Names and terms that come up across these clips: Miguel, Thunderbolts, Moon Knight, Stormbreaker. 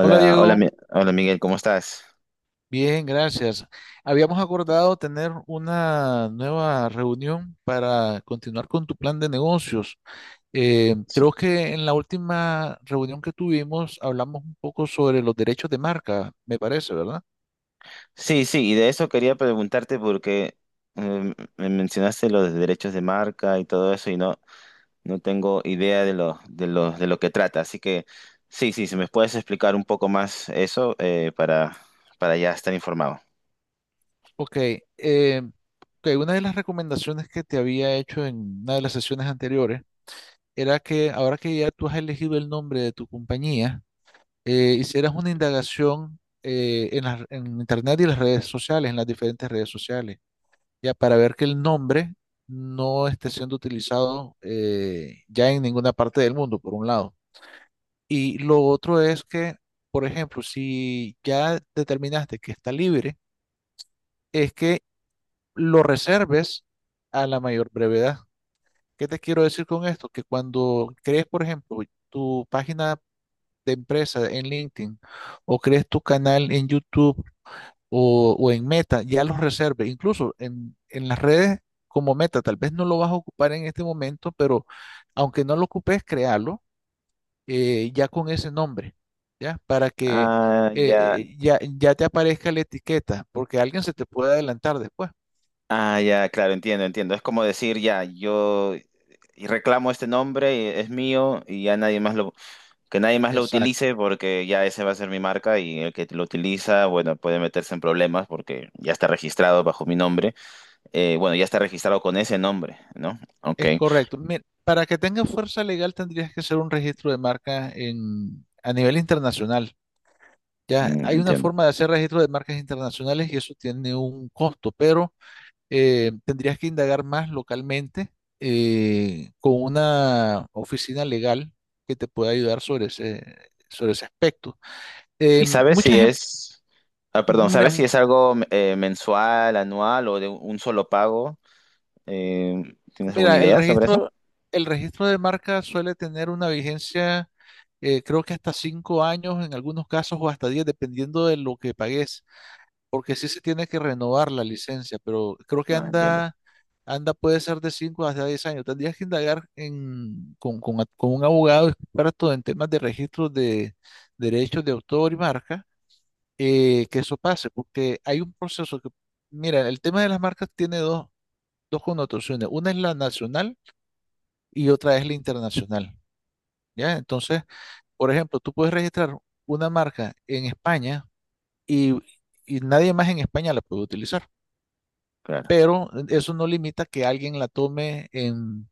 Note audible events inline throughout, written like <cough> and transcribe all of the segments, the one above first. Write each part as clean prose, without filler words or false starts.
Hola hola, Diego, hola Miguel, ¿cómo estás? bien, gracias. Habíamos acordado tener una nueva reunión para continuar con tu plan de negocios. Sí, Creo que en la última reunión que tuvimos hablamos un poco sobre los derechos de marca, me parece, ¿verdad? sí, sí, y de eso quería preguntarte porque me mencionaste los derechos de marca y todo eso y no, no tengo idea de lo que trata, así que sí, sí, si me puedes explicar un poco más eso, para ya estar informado. Ok, eh, ok, una de las recomendaciones que te había hecho en una de las sesiones anteriores era que ahora que ya tú has elegido el nombre de tu compañía, hicieras una indagación en en internet y las redes sociales, en las diferentes redes sociales, ya para ver que el nombre no esté siendo utilizado ya en ninguna parte del mundo, por un lado. Y lo otro es que, por ejemplo, si ya determinaste que está libre, es que lo reserves a la mayor brevedad. ¿Qué te quiero decir con esto? Que cuando crees, por ejemplo, tu página de empresa en LinkedIn, o crees tu canal en YouTube o, en Meta, ya los reserve. Incluso en las redes como Meta, tal vez no lo vas a ocupar en este momento, pero aunque no lo ocupes, créalo ya con ese nombre, ¿ya? Para que Ah, ya, ya te aparezca la etiqueta, porque alguien se te puede adelantar después. ah, ya, claro, entiendo, entiendo. Es como decir, ya, yo reclamo este nombre, es mío y ya nadie más lo, que nadie más lo Exacto, utilice, porque ya ese va a ser mi marca y el que lo utiliza, bueno, puede meterse en problemas porque ya está registrado bajo mi nombre. Bueno, ya está registrado con ese nombre, ¿no? Ok, es correcto. Mira, para que tenga fuerza legal tendrías que hacer un registro de marca a nivel internacional. Ya mm, hay una entiendo. forma de hacer registro de marcas internacionales y eso tiene un costo, pero tendrías que indagar más localmente con una oficina legal que te pueda ayudar sobre sobre ese aspecto. ¿Y sabes Mucha si gente, es, ah, perdón, mira, sabes si es algo, mensual, anual o de un solo pago? Eh, ¿Tienes alguna mira, el idea sobre eso? registro, de marca suele tener una vigencia, creo que hasta 5 años en algunos casos o hasta 10, dependiendo de lo que pagues. Porque sí se tiene que renovar la licencia, pero creo que Ah, entiendo, anda puede ser de 5 hasta 10 años. Tendrías que indagar en, con a- con un abogado experto en temas de registros de derechos de autor y marca, que eso pase, porque hay un proceso que, mira, el tema de las marcas tiene dos connotaciones. Una es la nacional y otra es la internacional, ¿ya? Entonces, por ejemplo, tú puedes registrar una marca en España y, y nadie más en España la puede utilizar. claro, Pero eso no limita que alguien la tome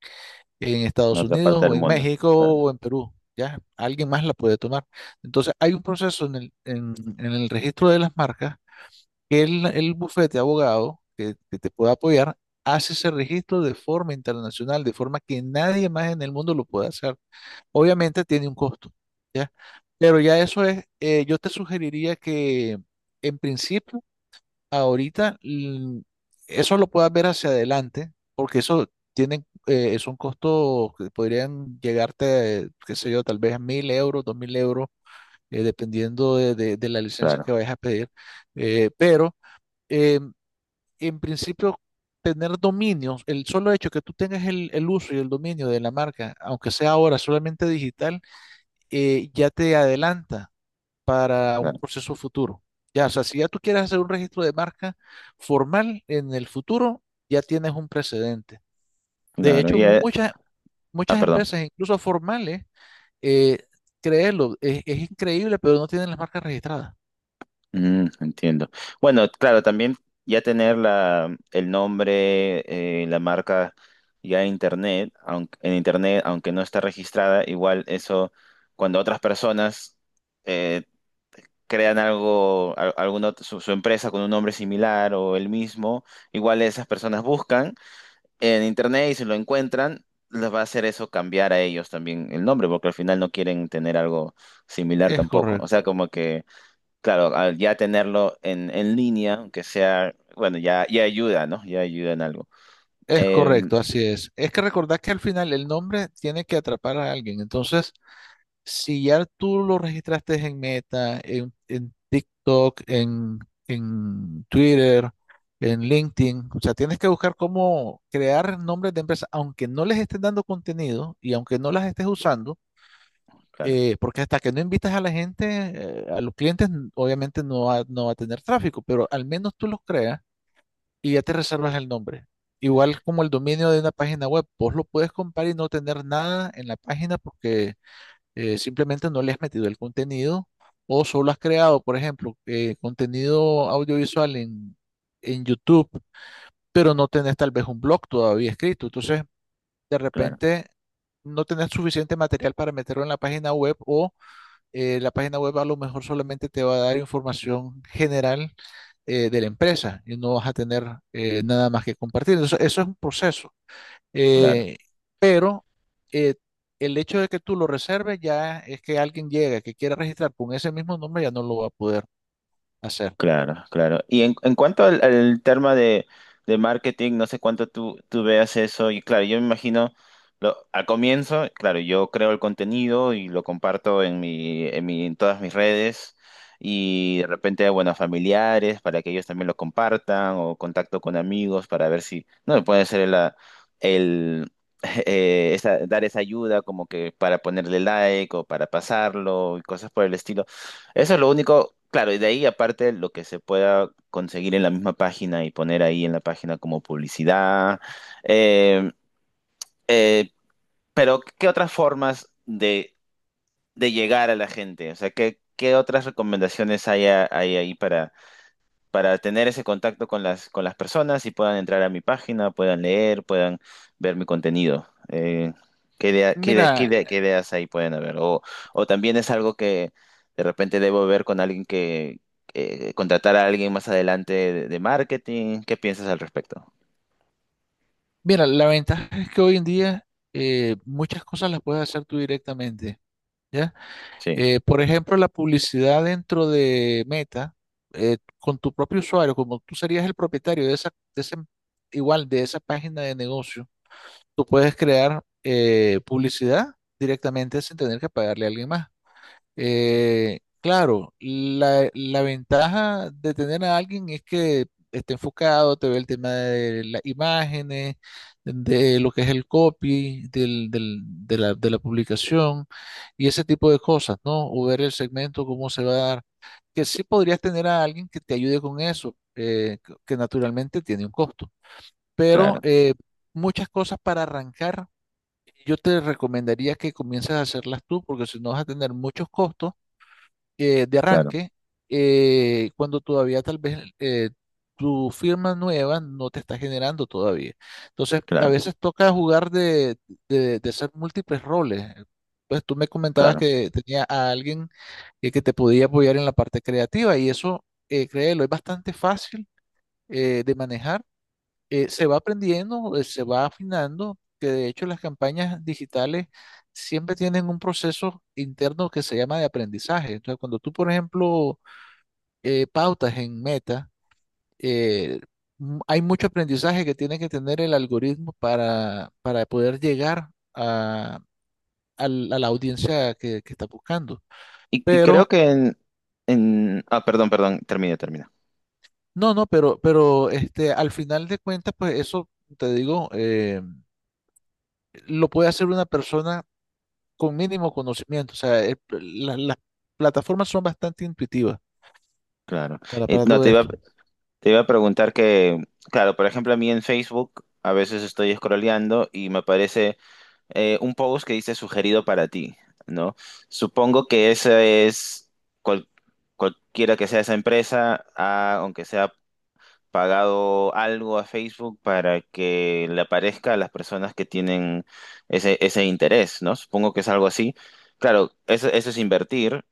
en en Estados otra Unidos parte o del en mundo. México Claro, o en Perú, ¿ya? Alguien más la puede tomar. Entonces, hay un proceso en el registro de las marcas que el bufete de abogado que te pueda apoyar hace ese registro de forma internacional, de forma que nadie más en el mundo lo pueda hacer. Obviamente tiene un costo, ¿ya? Pero ya eso es, yo te sugeriría que en principio ahorita eso lo puedas ver hacia adelante, porque eso tienen, son costos que podrían llegarte, qué sé yo, tal vez a 1.000 euros, 2.000 euros, dependiendo de la licencia que claro, vayas a pedir. Eh, pero eh, en principio, tener dominios, el solo hecho que tú tengas el uso y el dominio de la marca, aunque sea ahora solamente digital, ya te adelanta para un claro, proceso futuro. Ya, o sea, si ya tú quieres hacer un registro de marca formal en el futuro, ya tienes un precedente. De claro. hecho, Y, muchas, ah, perdón. empresas, incluso formales, eh, créelo, es increíble, pero no tienen las marcas registradas. Mm, entiendo. Bueno, claro, también ya tener la, el nombre, la marca ya en internet, aunque no está registrada, igual eso, cuando otras personas eh, crean algo, alguna su, su empresa con un nombre similar o el mismo, igual esas personas buscan en internet y si lo encuentran, les va a hacer eso cambiar a ellos también el nombre, porque al final no quieren tener algo similar Es tampoco. O correcto, sea, como que claro, al ya tenerlo en línea, aunque sea, bueno, ya, ya ayuda, ¿no? Ya ayuda en algo. es Em, correcto, así es. Es que recordar que al final el nombre tiene que atrapar a alguien. Entonces, si ya tú lo registraste en Meta, en TikTok, en Twitter, en LinkedIn, o sea, tienes que buscar cómo crear nombres de empresas, aunque no les estés dando contenido y aunque no las estés usando, claro, porque hasta que no invitas a la gente, a los clientes, obviamente no va a tener tráfico, pero al menos tú los creas y ya te reservas el nombre. Igual como el dominio de una página web, vos lo puedes comprar y no tener nada en la página porque simplemente no le has metido el contenido o solo has creado, por ejemplo, contenido audiovisual en YouTube, pero no tenés tal vez un blog todavía escrito. Entonces, de claro, repente, no tenés suficiente material para meterlo en la página web o la página web a lo mejor solamente te va a dar información general de la empresa y no vas a tener nada más que compartir. Entonces, eso es un proceso. claro. Eh, pero eh, el hecho de que tú lo reserves ya es que alguien llegue que quiera registrar con ese mismo nombre ya no lo va a poder hacer. Claro, claro. Y en cuanto al, al tema de marketing, no sé cuánto tú, tú veas eso. Y claro, yo me imagino, lo, al comienzo, claro, yo creo el contenido y lo comparto en mi, en mi, en todas mis redes. Y de repente, bueno, a familiares para que ellos también lo compartan o contacto con amigos para ver si, no, puede ser la, el, <laughs> dar esa ayuda como que para ponerle like o para pasarlo y cosas por el estilo. Eso es lo único, claro, y de ahí aparte lo que se pueda conseguir en la misma página y poner ahí en la página como publicidad. Eh, eh, pero, ¿qué otras formas de llegar a la gente? O sea, ¿qué, qué otras recomendaciones hay, a- hay ahí para tener ese contacto con las personas y puedan entrar a mi página, puedan leer, puedan ver mi contenido? Mira, ¿Qué ideas ahí pueden haber? O también es algo que de repente debo ver con alguien que, contratar a alguien más adelante de marketing. ¿Qué piensas al respecto? La ventaja es que hoy en día muchas cosas las puedes hacer tú directamente, ¿ya? Sí, Por ejemplo, la publicidad dentro de Meta, con tu propio usuario, como tú serías el propietario de esa, igual de esa página de negocio, tú puedes crear publicidad directamente sin tener que pagarle a alguien más. Claro, la ventaja de tener a alguien es que esté enfocado, te ve el tema de las imágenes, de lo que es el copy, de la, publicación y ese tipo de cosas, ¿no? O ver el segmento, cómo se va a dar. Que sí podrías tener a alguien que te ayude con eso, que naturalmente tiene un costo. Pero claro, muchas cosas para arrancar, yo te recomendaría que comiences a hacerlas tú, porque si no vas a tener muchos costos de claro, arranque, cuando todavía tal vez tu firma nueva no te está generando todavía. Entonces, a claro, veces toca jugar de ser múltiples roles. Pues tú me comentabas claro. que tenía a alguien que te podía apoyar en la parte creativa y eso, créelo, es bastante fácil de manejar se va aprendiendo, se va afinando, que de hecho las campañas digitales siempre tienen un proceso interno que se llama de aprendizaje. Entonces, cuando tú, por ejemplo, pautas en Meta, eh, hay mucho aprendizaje que tiene que tener el algoritmo para, poder llegar a, a la audiencia que está buscando. Y Pero, creo que en, ah, perdón, perdón, termina, termina. no, no, pero este, al final de cuentas, pues eso, te digo, lo puede hacer una persona con mínimo conocimiento. O sea, las plataformas son bastante intuitivas Claro. para no, todo te iba, esto. te iba a preguntar que, claro, por ejemplo, a mí en Facebook a veces estoy scrolleando y me aparece, un post que dice sugerido para ti, ¿no? Supongo que esa es cual- cualquiera que sea esa empresa, aunque sea pagado algo a Facebook para que le aparezca a las personas que tienen ese, ese interés, ¿no? Supongo que es algo así. Claro, eso es invertir,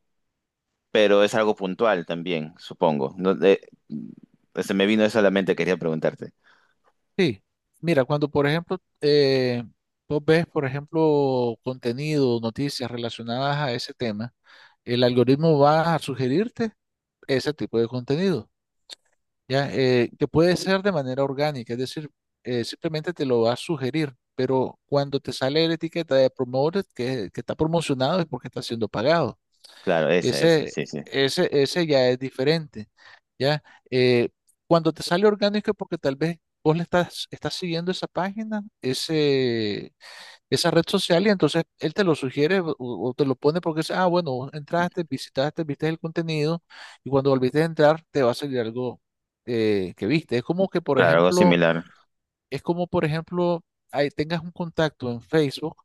pero es algo puntual también, supongo. No, se me vino eso a la mente, quería preguntarte. Sí, mira, cuando por ejemplo vos ves, por ejemplo, contenido, noticias relacionadas a ese tema, el algoritmo va a sugerirte ese tipo de contenido, ¿ya? Que puede ser de manera orgánica, es decir, simplemente te lo va a sugerir, pero cuando te sale la etiqueta de promoted, que está promocionado, es porque está siendo pagado. Claro, esa, Ese, sí, sí. Ese ya es diferente, ¿ya? Eh, Cuando te sale orgánico es porque tal vez vos le estás siguiendo esa página, esa red social y entonces él te lo sugiere o, te lo pone porque dice, ah, bueno, vos entraste, visitaste, viste el contenido y cuando volviste a entrar te va a salir algo que viste. Claro, algo similar. Es como, por ejemplo, ahí tengas un contacto en Facebook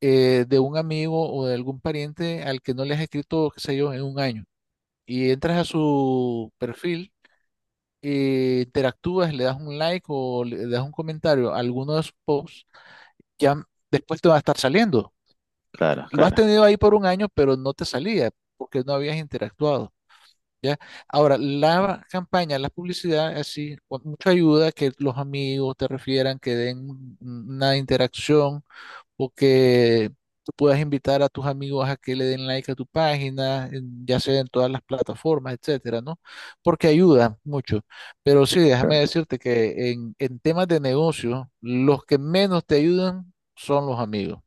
de un amigo o de algún pariente al que no le has escrito, qué sé yo, en un año y entras a su perfil, interactúas, le das un like o le das un comentario a alguno de sus posts, ya después te va a estar saliendo. Claro, Lo has claro, tenido ahí por un año, pero no te salía porque no habías interactuado. ¿Ya? Ahora, la campaña, la publicidad, así, con mucha ayuda, que los amigos te refieran, que den una interacción o que tú puedas invitar a tus amigos a que le den like a tu página, ya sea en todas las plataformas, etcétera, ¿no? Porque ayuda mucho. Pero sí, déjame claro. decirte que en temas de negocio, los que menos te ayudan son los amigos.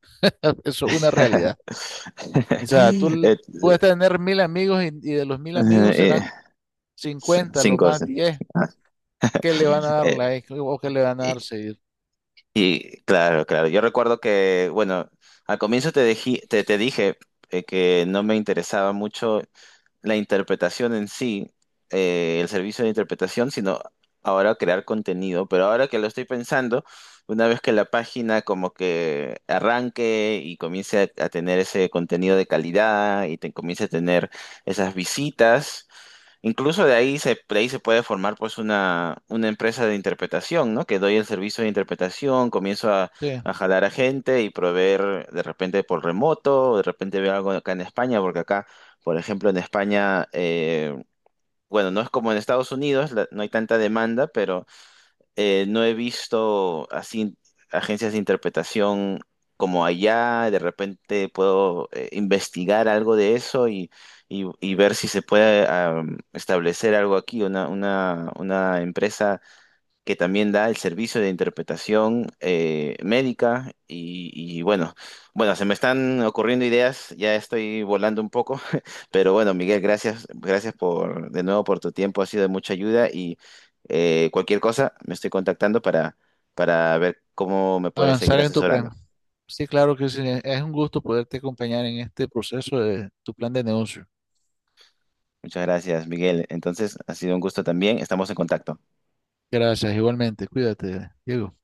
Eso es una realidad. <laughs> O sea, tú Eh, puedes tener 1.000 amigos y de los 1.000 amigos eh, serán c- 50 lo cinco. más Sí. 10 que le van a dar Eh, like o que le van a y, dar seguir. y, claro, claro. Yo recuerdo que, bueno, al comienzo te, te, te dije, que no me interesaba mucho la interpretación en sí, el servicio de interpretación, sino ahora crear contenido. Pero ahora que lo estoy pensando, una vez que la página como que arranque y comience a tener ese contenido de calidad y te, comience a tener esas visitas, incluso de ahí se puede formar pues una empresa de interpretación, ¿no? Que doy el servicio de interpretación, comienzo Sí. a jalar a gente y proveer de repente por remoto, o de repente veo algo acá en España, porque acá, por ejemplo, en España, bueno, no es como en Estados Unidos, la- no hay tanta demanda, pero, no he visto así agencias de interpretación como allá, de repente puedo, investigar algo de eso y, y ver si se puede, am, establecer algo aquí, una empresa que también da el servicio de interpretación, médica y bueno, bueno, se me están ocurriendo ideas, ya estoy volando un poco, <laughs> pero bueno, Miguel, gracias, gracias por de nuevo por tu tiempo, ha sido de mucha ayuda y, cualquier cosa me estoy contactando para ver cómo me puedes seguir Avanzar en tu asesorando. plan. Sí, claro que sí. Es un gusto poderte acompañar en este proceso de tu plan de negocio. Muchas gracias, Miguel. Entonces, ha sido un gusto también, estamos en contacto. Gracias, igualmente. Cuídate, Diego.